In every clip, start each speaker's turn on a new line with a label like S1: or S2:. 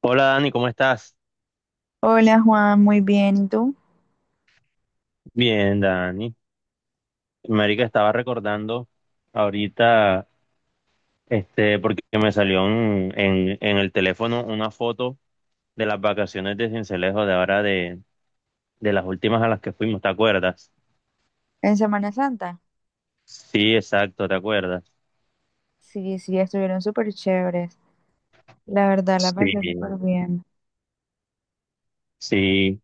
S1: Hola Dani, ¿cómo estás?
S2: Hola Juan, muy bien. ¿Y tú?
S1: Bien, Dani. Marica, estaba recordando ahorita, porque me salió en el teléfono una foto de las vacaciones de Sincelejo de ahora de las últimas a las que fuimos, ¿te acuerdas?
S2: ¿En Semana Santa?
S1: Sí, exacto, ¿te acuerdas?
S2: Sí, sí, estuvieron súper chéveres. La verdad, la
S1: Sí.
S2: pasé súper bien.
S1: Sí,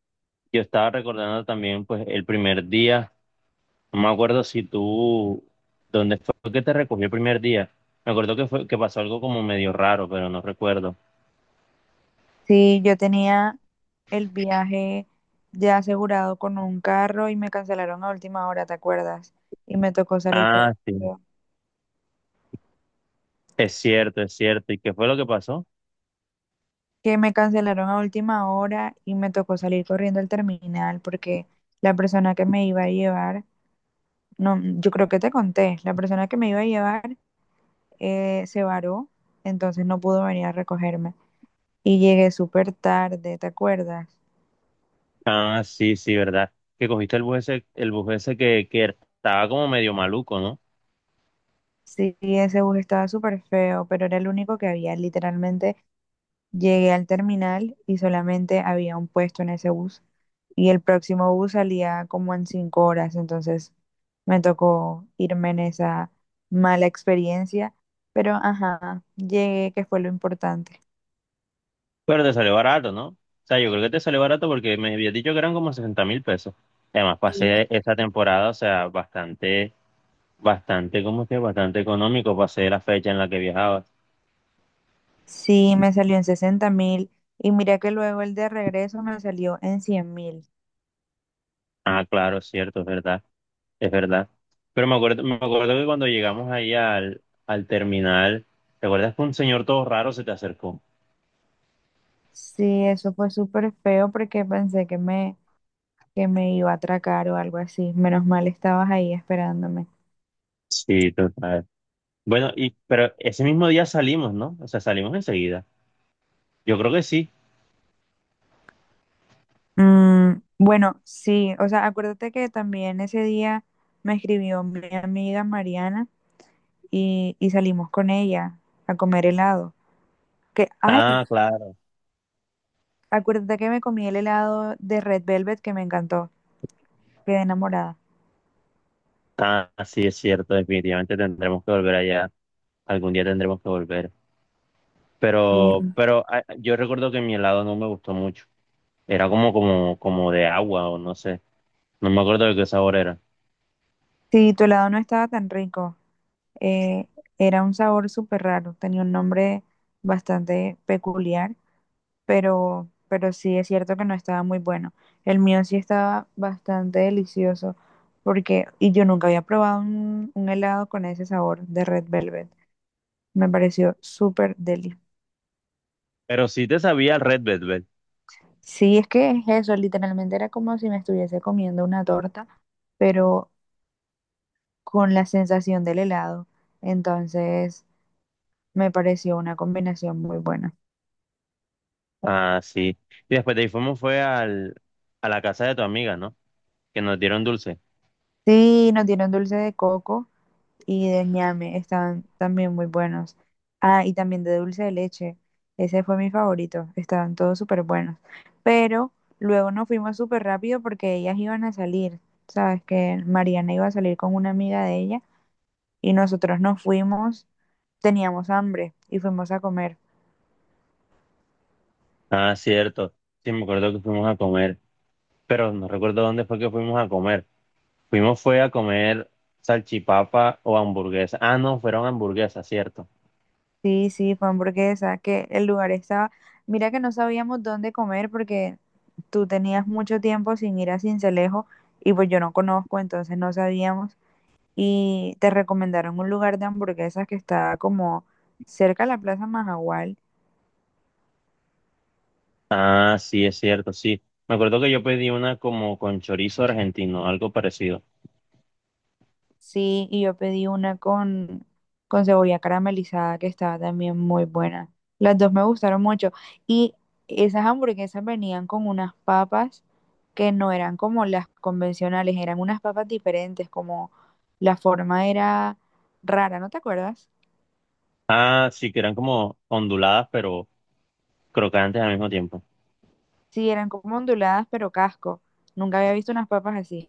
S1: yo estaba recordando también, pues, el primer día, no me acuerdo si tú, ¿dónde fue que te recogió el primer día? Me acuerdo que fue, que pasó algo como medio raro, pero no recuerdo.
S2: Sí, yo tenía el viaje ya asegurado con un carro y me cancelaron a última hora, ¿te acuerdas? Y me tocó salir
S1: Ah, sí.
S2: corriendo.
S1: Es cierto, es cierto. ¿Y qué fue lo que pasó?
S2: Que me cancelaron a última hora y me tocó salir corriendo al terminal porque la persona que me iba a llevar, no, yo creo que te conté, la persona que me iba a llevar se varó, entonces no pudo venir a recogerme. Y llegué súper tarde, ¿te acuerdas?
S1: Ah, sí, sí, verdad. Que cogiste el bus ese que estaba como medio maluco, ¿no?
S2: Sí, ese bus estaba súper feo, pero era el único que había. Literalmente llegué al terminal y solamente había un puesto en ese bus. Y el próximo bus salía como en 5 horas, entonces me tocó irme en esa mala experiencia. Pero ajá, llegué, que fue lo importante.
S1: Pero te salió barato, ¿no? O sea, yo creo que te salió barato porque me habías dicho que eran como 60.000 pesos. Además,
S2: Sí.
S1: pasé esta temporada, o sea, ¿cómo es que? Bastante económico. Pasé la fecha en la que viajabas.
S2: Sí, me salió en 60.000 y mira que luego el de regreso me salió en 100.000.
S1: Ah, claro, es cierto, es verdad, es verdad. Pero me acuerdo que cuando llegamos ahí al terminal, ¿te acuerdas que un señor todo raro se te acercó?
S2: Sí, eso fue súper feo porque pensé que me iba a atracar o algo así. Menos mal estabas ahí esperándome.
S1: Sí, total. Bueno, y pero ese mismo día salimos, ¿no? O sea, salimos enseguida. Yo creo que sí.
S2: Bueno, sí, o sea, acuérdate que también ese día me escribió mi amiga Mariana y salimos con ella a comer helado. Que, ay,
S1: Ah, claro.
S2: acuérdate que me comí el helado de Red Velvet que me encantó. Quedé enamorada.
S1: Ah, sí, es cierto. Definitivamente tendremos que volver allá. Algún día tendremos que volver. Pero,
S2: Sí,
S1: pero yo recuerdo que mi helado no me gustó mucho. Era como de agua o no sé. No me acuerdo de qué sabor era.
S2: sí, tu helado no estaba tan rico. Eh, Era un sabor súper raro, tenía un nombre bastante peculiar, pero sí es cierto que no estaba muy bueno. El mío sí estaba bastante delicioso, y yo nunca había probado un helado con ese sabor de Red Velvet. Me pareció súper delicioso.
S1: Pero sí te sabía el Red Velvet.
S2: Sí, es que es eso, literalmente era como si me estuviese comiendo una torta, pero con la sensación del helado. Entonces, me pareció una combinación muy buena.
S1: Ah, sí. Y después de ahí fuimos fue a la casa de tu amiga, ¿no? Que nos dieron dulce.
S2: Sí, nos dieron dulce de coco y de ñame, estaban también muy buenos. Ah, y también de dulce de leche, ese fue mi favorito, estaban todos súper buenos. Pero luego nos fuimos súper rápido porque ellas iban a salir, sabes que Mariana iba a salir con una amiga de ella y nosotros nos fuimos, teníamos hambre y fuimos a comer.
S1: Ah, cierto. Sí, me acuerdo que fuimos a comer. Pero no recuerdo dónde fue que fuimos a comer. Fuimos fue a comer salchipapa o hamburguesa. Ah, no, fueron hamburguesas, ¿cierto?
S2: Sí, sí, fue hamburguesa, que el lugar estaba, mira que no sabíamos dónde comer porque tú tenías mucho tiempo sin ir a Cincelejo y pues yo no conozco, entonces no sabíamos y te recomendaron un lugar de hamburguesas que estaba como cerca de la Plaza Majagual.
S1: Ah, sí, es cierto, sí. Me acuerdo que yo pedí una como con chorizo argentino, algo parecido.
S2: Sí, y yo pedí una con cebolla caramelizada que estaba también muy buena. Las dos me gustaron mucho. Y esas hamburguesas venían con unas papas que no eran como las convencionales, eran unas papas diferentes, como la forma era rara, ¿no te acuerdas?
S1: Ah, sí, que eran como onduladas, pero crocantes al mismo tiempo.
S2: Sí, eran como onduladas, pero casco. Nunca había visto unas papas así.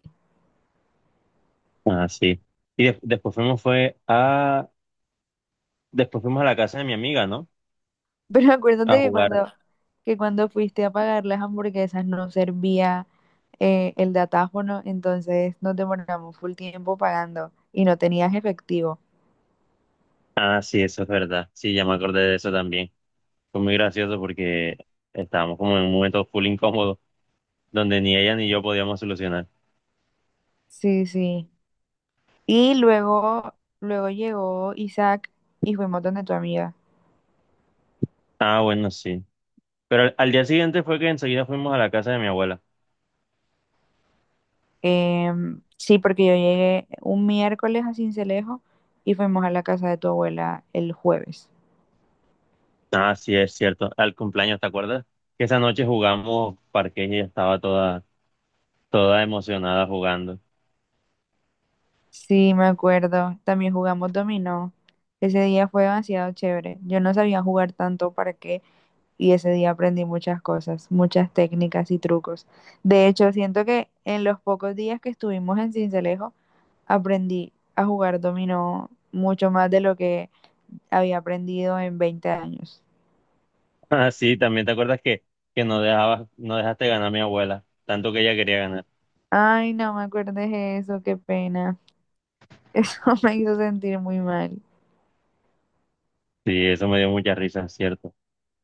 S1: Ah, sí. Y después fuimos fue a... Después fuimos a la casa de mi amiga, ¿no?
S2: Pero
S1: A
S2: acuérdate
S1: jugar.
S2: que cuando fuiste a pagar las hamburguesas no servía el datáfono, entonces nos demoramos full tiempo pagando y no tenías efectivo.
S1: Ah, sí, eso es verdad. Sí, ya me acordé de eso también. Fue muy gracioso porque estábamos como en un momento full incómodo donde ni ella ni yo podíamos solucionar.
S2: Sí, sí. Y luego, luego llegó Isaac y fuimos donde tu amiga.
S1: Ah, bueno, sí. Pero al día siguiente fue que enseguida fuimos a la casa de mi abuela.
S2: Sí, porque yo llegué un miércoles a Cincelejo y fuimos a la casa de tu abuela el jueves.
S1: Ah, sí, es cierto. Al cumpleaños, ¿te acuerdas? Que esa noche jugamos parqués y ella estaba toda emocionada jugando.
S2: Sí, me acuerdo. También jugamos dominó. Ese día fue demasiado chévere. Yo no sabía jugar tanto para qué y ese día aprendí muchas cosas, muchas técnicas y trucos. De hecho, siento que en los pocos días que estuvimos en Cincelejo aprendí a jugar dominó mucho más de lo que había aprendido en 20 años.
S1: Ah, sí, también te acuerdas que no dejabas, no dejaste ganar a mi abuela, tanto que ella quería ganar.
S2: Ay, no me acuerdes eso, qué pena. Eso me hizo sentir muy mal.
S1: Sí, eso me dio mucha risa, es cierto.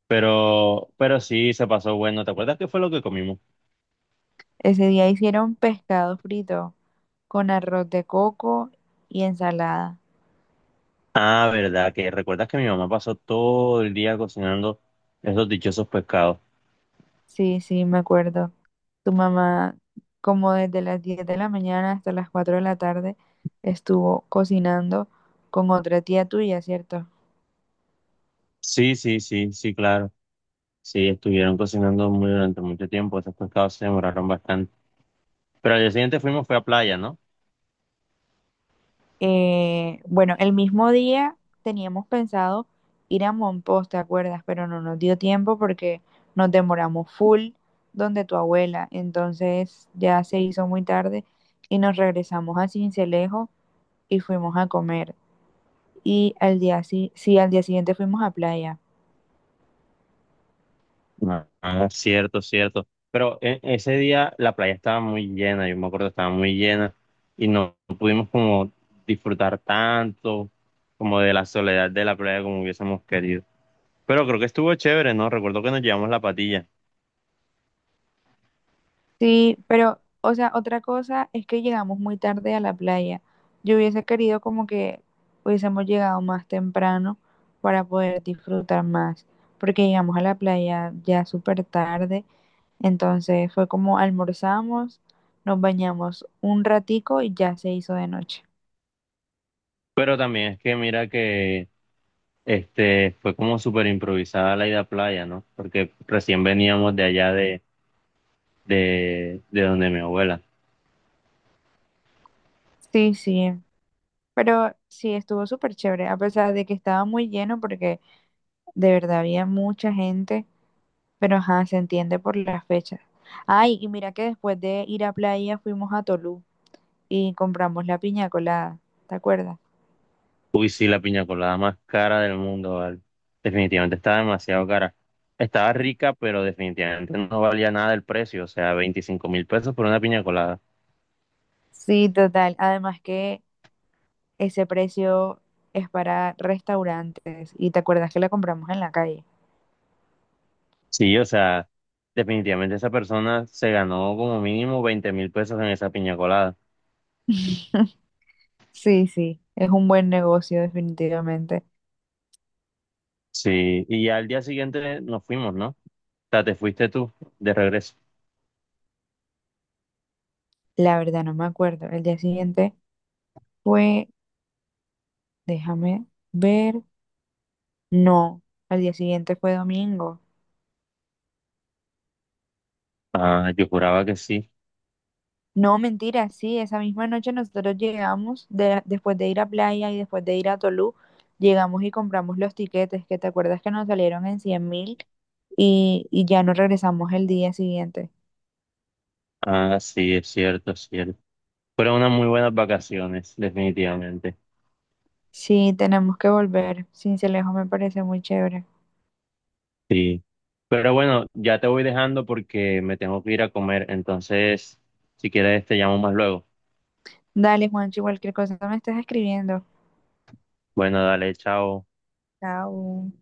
S1: Pero sí, se pasó bueno. ¿Te acuerdas qué fue lo que comimos?
S2: Ese día hicieron pescado frito con arroz de coco y ensalada.
S1: Ah, verdad, que recuerdas que mi mamá pasó todo el día cocinando esos dichosos pescados.
S2: Sí, sí, me acuerdo. Tu mamá, como desde las 10 de la mañana hasta las 4 de la tarde, estuvo cocinando con otra tía tuya, ¿cierto?
S1: Sí, sí, sí, sí, claro. Sí, estuvieron cocinando muy durante mucho tiempo, esos pescados se demoraron bastante. Pero al día siguiente fuimos, fue a playa, ¿no?
S2: Bueno, el mismo día teníamos pensado ir a Monpós, ¿te acuerdas? Pero no nos dio tiempo porque nos demoramos full donde tu abuela. Entonces ya se hizo muy tarde y nos regresamos a Cincelejo y fuimos a comer. Sí, sí, al día siguiente fuimos a playa.
S1: Ah, cierto, cierto. Pero ese día la playa estaba muy llena, yo me acuerdo, estaba muy llena y no pudimos como disfrutar tanto como de la soledad de la playa como hubiésemos querido. Pero creo que estuvo chévere, ¿no? Recuerdo que nos llevamos la patilla.
S2: Sí, pero, o sea, otra cosa es que llegamos muy tarde a la playa. Yo hubiese querido como que hubiésemos llegado más temprano para poder disfrutar más, porque llegamos a la playa ya súper tarde, entonces fue como almorzamos, nos bañamos un ratico y ya se hizo de noche.
S1: Pero también es que mira que fue como súper improvisada la ida a playa, ¿no? Porque recién veníamos de allá de donde mi abuela.
S2: Sí, sí, pero sí, estuvo súper chévere, a pesar de que estaba muy lleno porque de verdad había mucha gente. Pero ajá, se entiende por las fechas. Ay, y mira que después de ir a playa fuimos a Tolú y compramos la piña colada, ¿te acuerdas?
S1: Uy, sí, la piña colada más cara del mundo, ¿vale? Definitivamente estaba demasiado cara. Estaba rica, pero definitivamente no valía nada el precio, o sea, 25.000 pesos por una piña colada.
S2: Sí, total. Además que ese precio es para restaurantes y te acuerdas que la compramos en la calle.
S1: Sí, o sea, definitivamente esa persona se ganó como mínimo 20.000 pesos en esa piña colada.
S2: Sí, sí, es un buen negocio definitivamente.
S1: Sí, y ya al día siguiente nos fuimos, ¿no? O sea, te fuiste tú de regreso.
S2: La verdad no me acuerdo. El día siguiente fue, déjame ver, no, el día siguiente fue domingo.
S1: Ah, yo juraba que sí.
S2: No, mentira, sí, esa misma noche nosotros llegamos, después de ir a Playa y después de ir a Tolú, llegamos y compramos los tiquetes, que te acuerdas que nos salieron en 100.000 y ya nos regresamos el día siguiente.
S1: Ah, sí, es cierto, es cierto. Fueron unas muy buenas vacaciones, definitivamente.
S2: Sí, tenemos que volver, Sincelejo me parece muy chévere.
S1: Sí, pero bueno, ya te voy dejando porque me tengo que ir a comer, entonces, si quieres, te llamo más luego.
S2: Dale, Juancho, cualquier cosa me estás escribiendo.
S1: Bueno, dale, chao.
S2: Chao.